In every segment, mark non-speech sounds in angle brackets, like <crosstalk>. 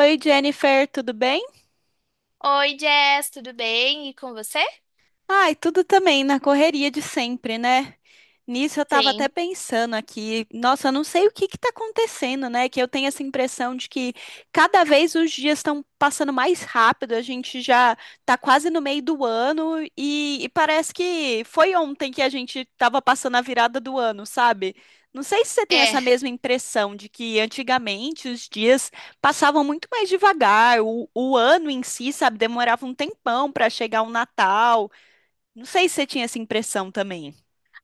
Oi, Jennifer, tudo bem? Oi, Jess, tudo bem? E com você? Ai, tudo também na correria de sempre, né? Nisso eu tava até Sim. pensando aqui, nossa, eu não sei o que que tá acontecendo, né? Que eu tenho essa impressão de que cada vez os dias estão passando mais rápido, a gente já tá quase no meio do ano e parece que foi ontem que a gente tava passando a virada do ano, sabe? Não sei se você tem É. essa mesma impressão de que antigamente os dias passavam muito mais devagar, o ano em si, sabe, demorava um tempão para chegar o Natal. Não sei se você tinha essa impressão também.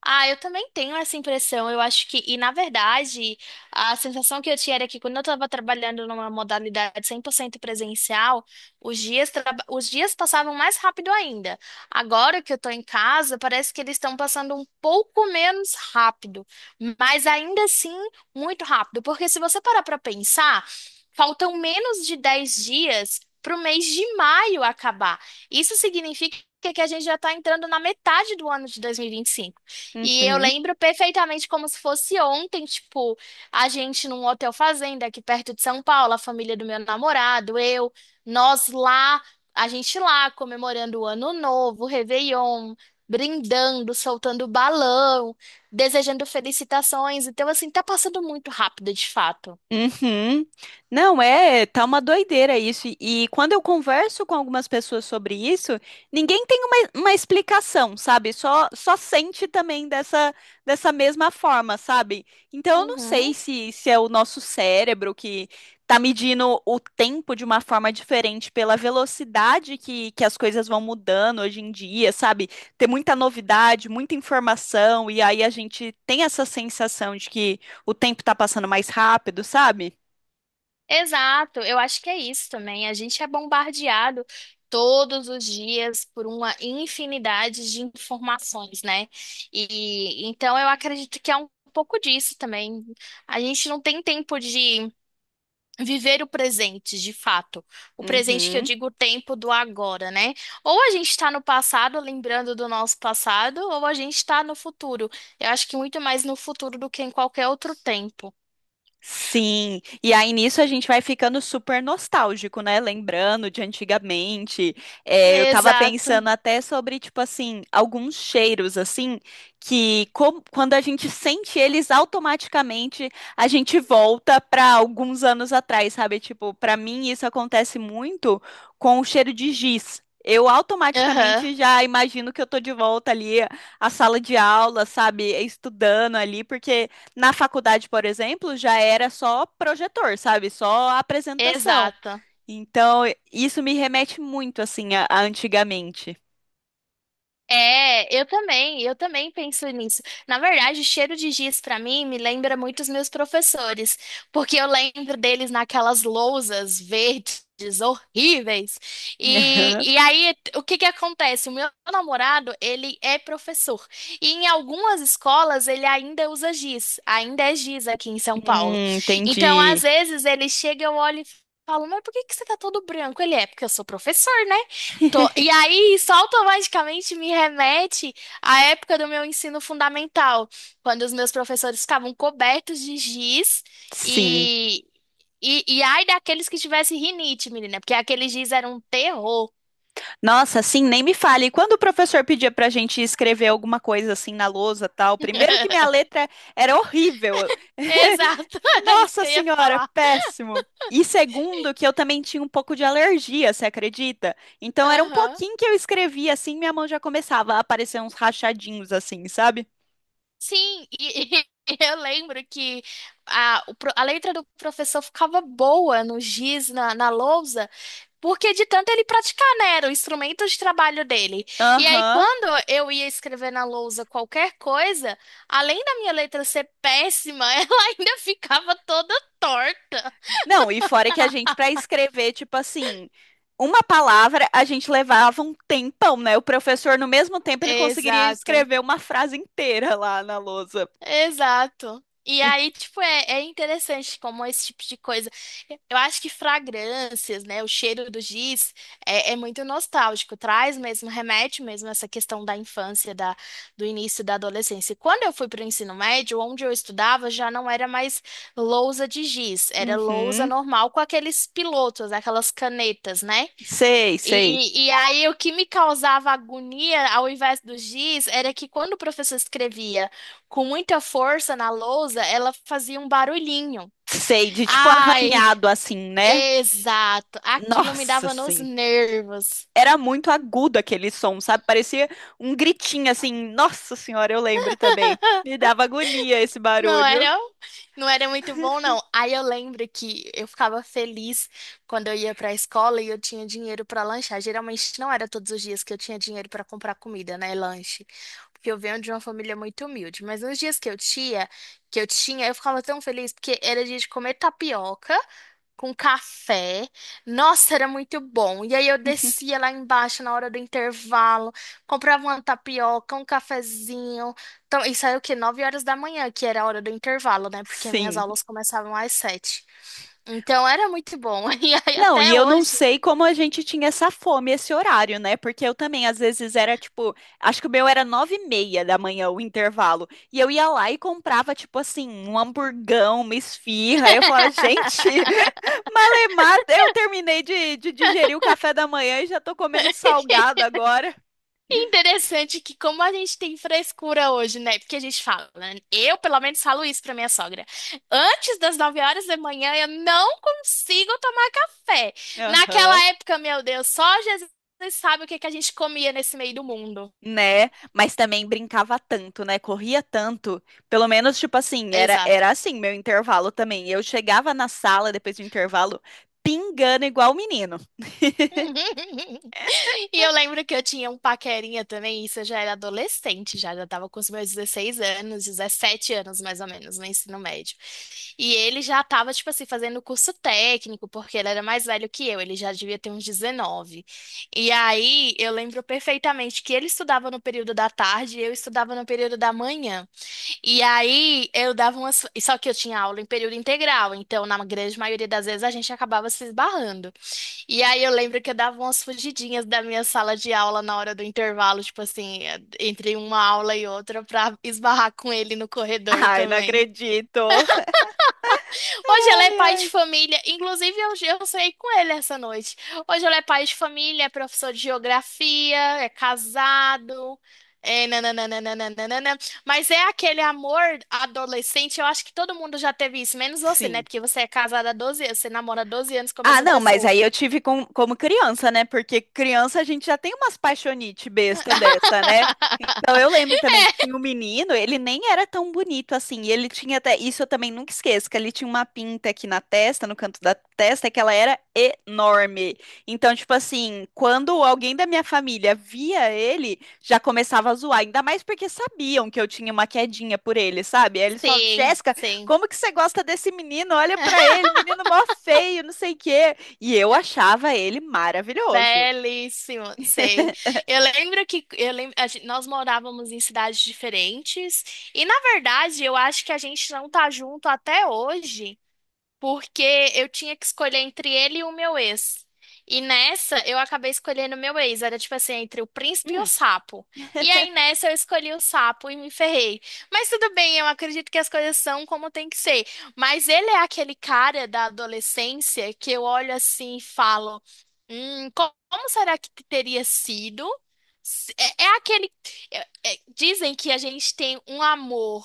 Ah, eu também tenho essa impressão. Eu acho que, e na verdade, a sensação que eu tinha era que quando eu estava trabalhando numa modalidade 100% presencial, os dias passavam mais rápido ainda. Agora que eu estou em casa, parece que eles estão passando um pouco menos rápido, mas ainda assim muito rápido. Porque se você parar para pensar, faltam menos de 10 dias para o mês de maio acabar. Isso significa que a gente já está entrando na metade do ano de dois mil e vinte e cinco. E eu Uhum. lembro perfeitamente como se fosse ontem, tipo, a gente num hotel fazenda aqui perto de São Paulo, a família do meu namorado, eu, nós lá, a gente lá comemorando o Ano Novo, o Réveillon, brindando, soltando balão, desejando felicitações. Então, assim, tá passando muito rápido, de fato. Uhum. Não, é, tá uma doideira isso. E quando eu converso com algumas pessoas sobre isso, ninguém tem uma explicação, sabe? Só sente também dessa mesma forma, sabe? Então eu não sei Uhum. se, se é o nosso cérebro que tá medindo o tempo de uma forma diferente pela velocidade que as coisas vão mudando hoje em dia, sabe? Tem muita novidade, muita informação, e aí a gente tem essa sensação de que o tempo tá passando mais rápido, sabe? Exato, eu acho que é isso também. A gente é bombardeado todos os dias por uma infinidade de informações, né? E então eu acredito que é um pouco disso também. A gente não tem tempo de viver o presente, de fato. O presente que eu Uhum. digo, o tempo do agora, né? Ou a gente está no passado, lembrando do nosso passado, ou a gente está no futuro. Eu acho que muito mais no futuro do que em qualquer outro tempo. Sim, e aí nisso a gente vai ficando super nostálgico, né? Lembrando de antigamente. É, eu tava Exato. pensando até sobre, tipo assim, alguns cheiros, assim, que quando a gente sente eles automaticamente, a gente volta pra alguns anos atrás, sabe? Tipo, pra mim isso acontece muito com o cheiro de giz. Eu Aham. automaticamente já imagino que eu tô de volta ali à sala de aula, sabe? Estudando ali, porque. Na faculdade, por exemplo, já era só projetor, sabe? Só apresentação. Exato. Então, isso me remete muito, assim, a antigamente. É, eu também penso nisso. Na verdade, cheiro de giz pra mim me lembra muito os meus professores, porque eu lembro deles naquelas lousas verdes horríveis. E <laughs> aí, o que que acontece? O meu namorado, ele é professor. E em algumas escolas ele ainda usa giz, ainda é giz aqui em São Paulo. Então, às entendi. vezes ele chega, eu olho e falo, mas por que que você tá todo branco? Ele é, porque eu sou professor, né? E aí, isso automaticamente me remete à época do meu ensino fundamental, quando os meus professores ficavam cobertos de giz Sim. e, e ai daqueles que tivessem rinite, menina, porque aquele giz era um terror. Nossa, assim, nem me fale. E quando o professor pedia pra gente escrever alguma coisa assim na lousa, tal, primeiro que minha <laughs> letra era horrível. <laughs> Exato, <laughs> era isso Nossa que eu ia senhora, falar. péssimo. E segundo, que eu também tinha um pouco de alergia, você acredita? Então era um Aham. pouquinho que eu escrevia assim, minha mão já começava a aparecer uns rachadinhos assim, sabe? Sim, e, <laughs> e eu lembro que a letra do professor ficava boa no giz, na lousa. Porque de tanto ele praticar, né? Era o instrumento de trabalho dele. E aí, Aham. quando eu ia escrever na lousa qualquer coisa, além da minha letra ser péssima, <laughs> ela ainda ficava toda torta. Não, e fora que a gente, pra escrever, tipo assim, uma palavra, a gente levava um tempão, né? O professor, no mesmo tempo, ele conseguiria Exato. escrever uma frase inteira lá na lousa. Exato. E aí, tipo, é interessante como esse tipo de coisa. Eu acho que fragrâncias, né? O cheiro do giz é muito nostálgico, traz mesmo, remete mesmo a essa questão da infância, da, do início da adolescência. E quando eu fui para o ensino médio, onde eu estudava, já não era mais lousa de giz, era lousa Uhum. normal com aqueles pilotos, aquelas canetas, né? Sei, sei. E aí, o que me causava agonia ao invés do giz era que quando o professor escrevia com muita força na lousa, ela fazia um barulhinho. Sei, de tipo Ai, arranhado assim, né? exato. Aquilo me Nossa, dava nos sim. nervos. Era muito agudo aquele som, sabe? Parecia um gritinho assim. Nossa senhora, eu lembro também. Me dava agonia esse Não barulho. era, não era muito bom, não. Aí eu lembro que eu ficava feliz quando eu ia pra escola e eu tinha dinheiro pra lanchar. Geralmente não era todos os dias que eu tinha dinheiro pra comprar comida, né, lanche. Porque eu venho de uma família muito humilde, mas nos dias que eu tinha, eu ficava tão feliz porque era dia de comer tapioca com café. Nossa, era muito bom. E aí eu <laughs> descia lá embaixo na hora do intervalo, comprava uma tapioca, um cafezinho. Então, isso aí é o quê? 9 horas da manhã, que era a hora do intervalo, né? Porque minhas Sim. aulas começavam às 7. Então era muito bom. <laughs> E aí Não, e até eu não hoje. sei como a gente tinha essa fome, esse horário, né? Porque eu também, às vezes, era tipo, acho que o meu era 9h30 da manhã, o intervalo. E eu ia lá e comprava, tipo assim, um hamburgão, uma esfirra. Aí eu falava, gente, <laughs> <laughs> malemar, eu terminei de digerir o café da manhã e já tô comendo um salgado agora. E interessante que como a gente tem frescura hoje, né? Porque a gente fala, né? Eu pelo menos falo isso pra minha sogra. Antes das 9 horas da manhã eu não consigo tomar café. Aham. Naquela época, meu Deus, só Jesus sabe o que que a gente comia nesse meio do mundo. Né? Mas também brincava tanto, né? Corria tanto. Pelo menos, tipo assim, era, Exato. era assim meu intervalo também. Eu chegava na sala depois do intervalo pingando igual o menino. <laughs> <laughs> E eu lembro que eu tinha um paquerinha também, isso eu já era adolescente, já tava com os meus 16 anos, 17 anos mais ou menos, no ensino médio. E ele já tava, tipo assim, fazendo curso técnico, porque ele era mais velho que eu, ele já devia ter uns 19. E aí eu lembro perfeitamente que ele estudava no período da tarde e eu estudava no período da manhã. E aí eu dava umas. Só que eu tinha aula em período integral, então na grande maioria das vezes a gente acabava se esbarrando. E aí eu lembro que eu dava umas fugidinhas da minha sala de aula na hora do intervalo, tipo assim, entre uma aula e outra, pra esbarrar com ele no corredor Ai, não também. acredito. Hoje ele é Ai, pai de ai. família, inclusive eu saí com ele essa noite. Hoje ele é pai de família, é professor de geografia, é casado, é nananana. Mas é aquele amor adolescente, eu acho que todo mundo já teve isso, menos você, né? Sim. Porque você é casada há 12 anos, você namora há 12 anos com a Ah, mesma não, mas pessoa. aí eu tive como criança, né? Porque criança a gente já tem umas paixonite besta dessa, né? Então eu <laughs> lembro também que tinha um menino, ele nem era tão bonito assim, e ele tinha até, isso eu também nunca esqueço, que ele tinha uma pinta aqui na testa, no canto da testa, que ela era enorme. Então, tipo assim, quando alguém da minha família via ele, já começava a zoar, ainda mais porque sabiam que eu tinha uma quedinha por ele, sabe? Aí eles falavam, Sim, Jéssica, sim. como que você gosta desse menino? Olha pra ele, menino mó feio, não sei o quê. E eu achava ele maravilhoso. Belíssimo, sei. Eu lembro, nós morávamos em cidades diferentes e, na verdade, eu acho que a gente não tá junto até hoje, porque eu tinha que escolher entre ele e o meu ex. E nessa, eu acabei escolhendo o meu ex. Era tipo assim, entre o príncipe e o Hum. sapo. E <laughs> aí nessa, eu escolhi o sapo e me ferrei. Mas tudo bem, eu acredito que as coisas são como tem que ser. Mas ele é aquele cara da adolescência que eu olho assim e falo: como será que teria sido? É aquele. Dizem que a gente tem um amor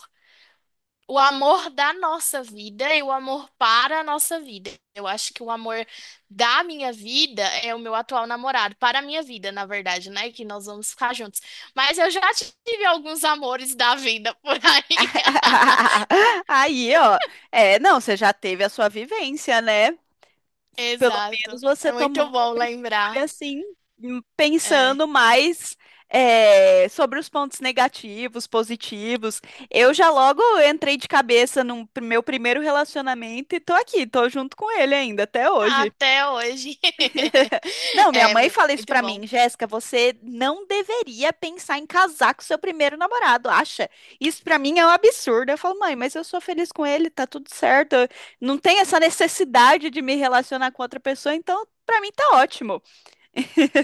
o amor da nossa vida e o amor para a nossa vida. Eu acho que o amor da minha vida é o meu atual namorado, para a minha vida, na verdade, né? Que nós vamos ficar juntos. Mas eu já tive alguns amores da vida por aí. Aí, ó, é, não, você já teve a sua vivência, né? <laughs> Pelo menos Exato. É você tomou muito uma bom lembrar. escolha assim, É. pensando mais é, sobre os pontos negativos, positivos. Eu já logo entrei de cabeça no meu primeiro relacionamento e tô aqui, tô junto com ele ainda até hoje. Até hoje. <laughs> <laughs> Não, minha É mãe fala isso muito pra bom. mim, Jéssica, você não deveria pensar em casar com seu primeiro namorado, acha? Isso pra mim é um absurdo. Eu falo, mãe, mas eu sou feliz com ele, tá tudo certo. Eu Não tem essa necessidade de me relacionar com outra pessoa, então pra mim tá ótimo.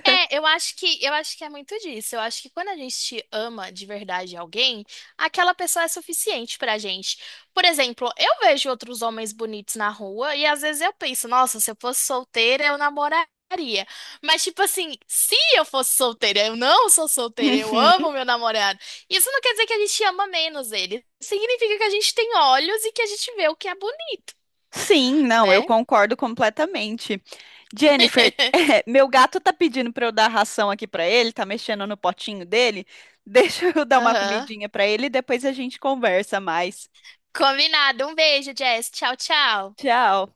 É, eu acho que é muito disso. Eu acho que quando a gente ama de verdade alguém, aquela pessoa é suficiente pra gente. Por exemplo, eu vejo outros homens bonitos na rua e às vezes eu penso, nossa, se eu fosse solteira, eu namoraria. Mas tipo assim, se eu fosse solteira, eu não sou solteira, eu Uhum. amo meu namorado. Isso não quer dizer que a gente ama menos ele. Significa que a gente tem olhos e que a gente vê o que é bonito, Sim, não, eu né? concordo completamente. Jennifer, <laughs> <laughs> meu gato tá pedindo pra eu dar ração aqui pra ele, tá mexendo no potinho dele. Deixa eu <laughs> dar uma Aham. comidinha pra ele e depois a gente conversa mais. Combinado. Um beijo, Jess. Tchau, tchau. Tchau.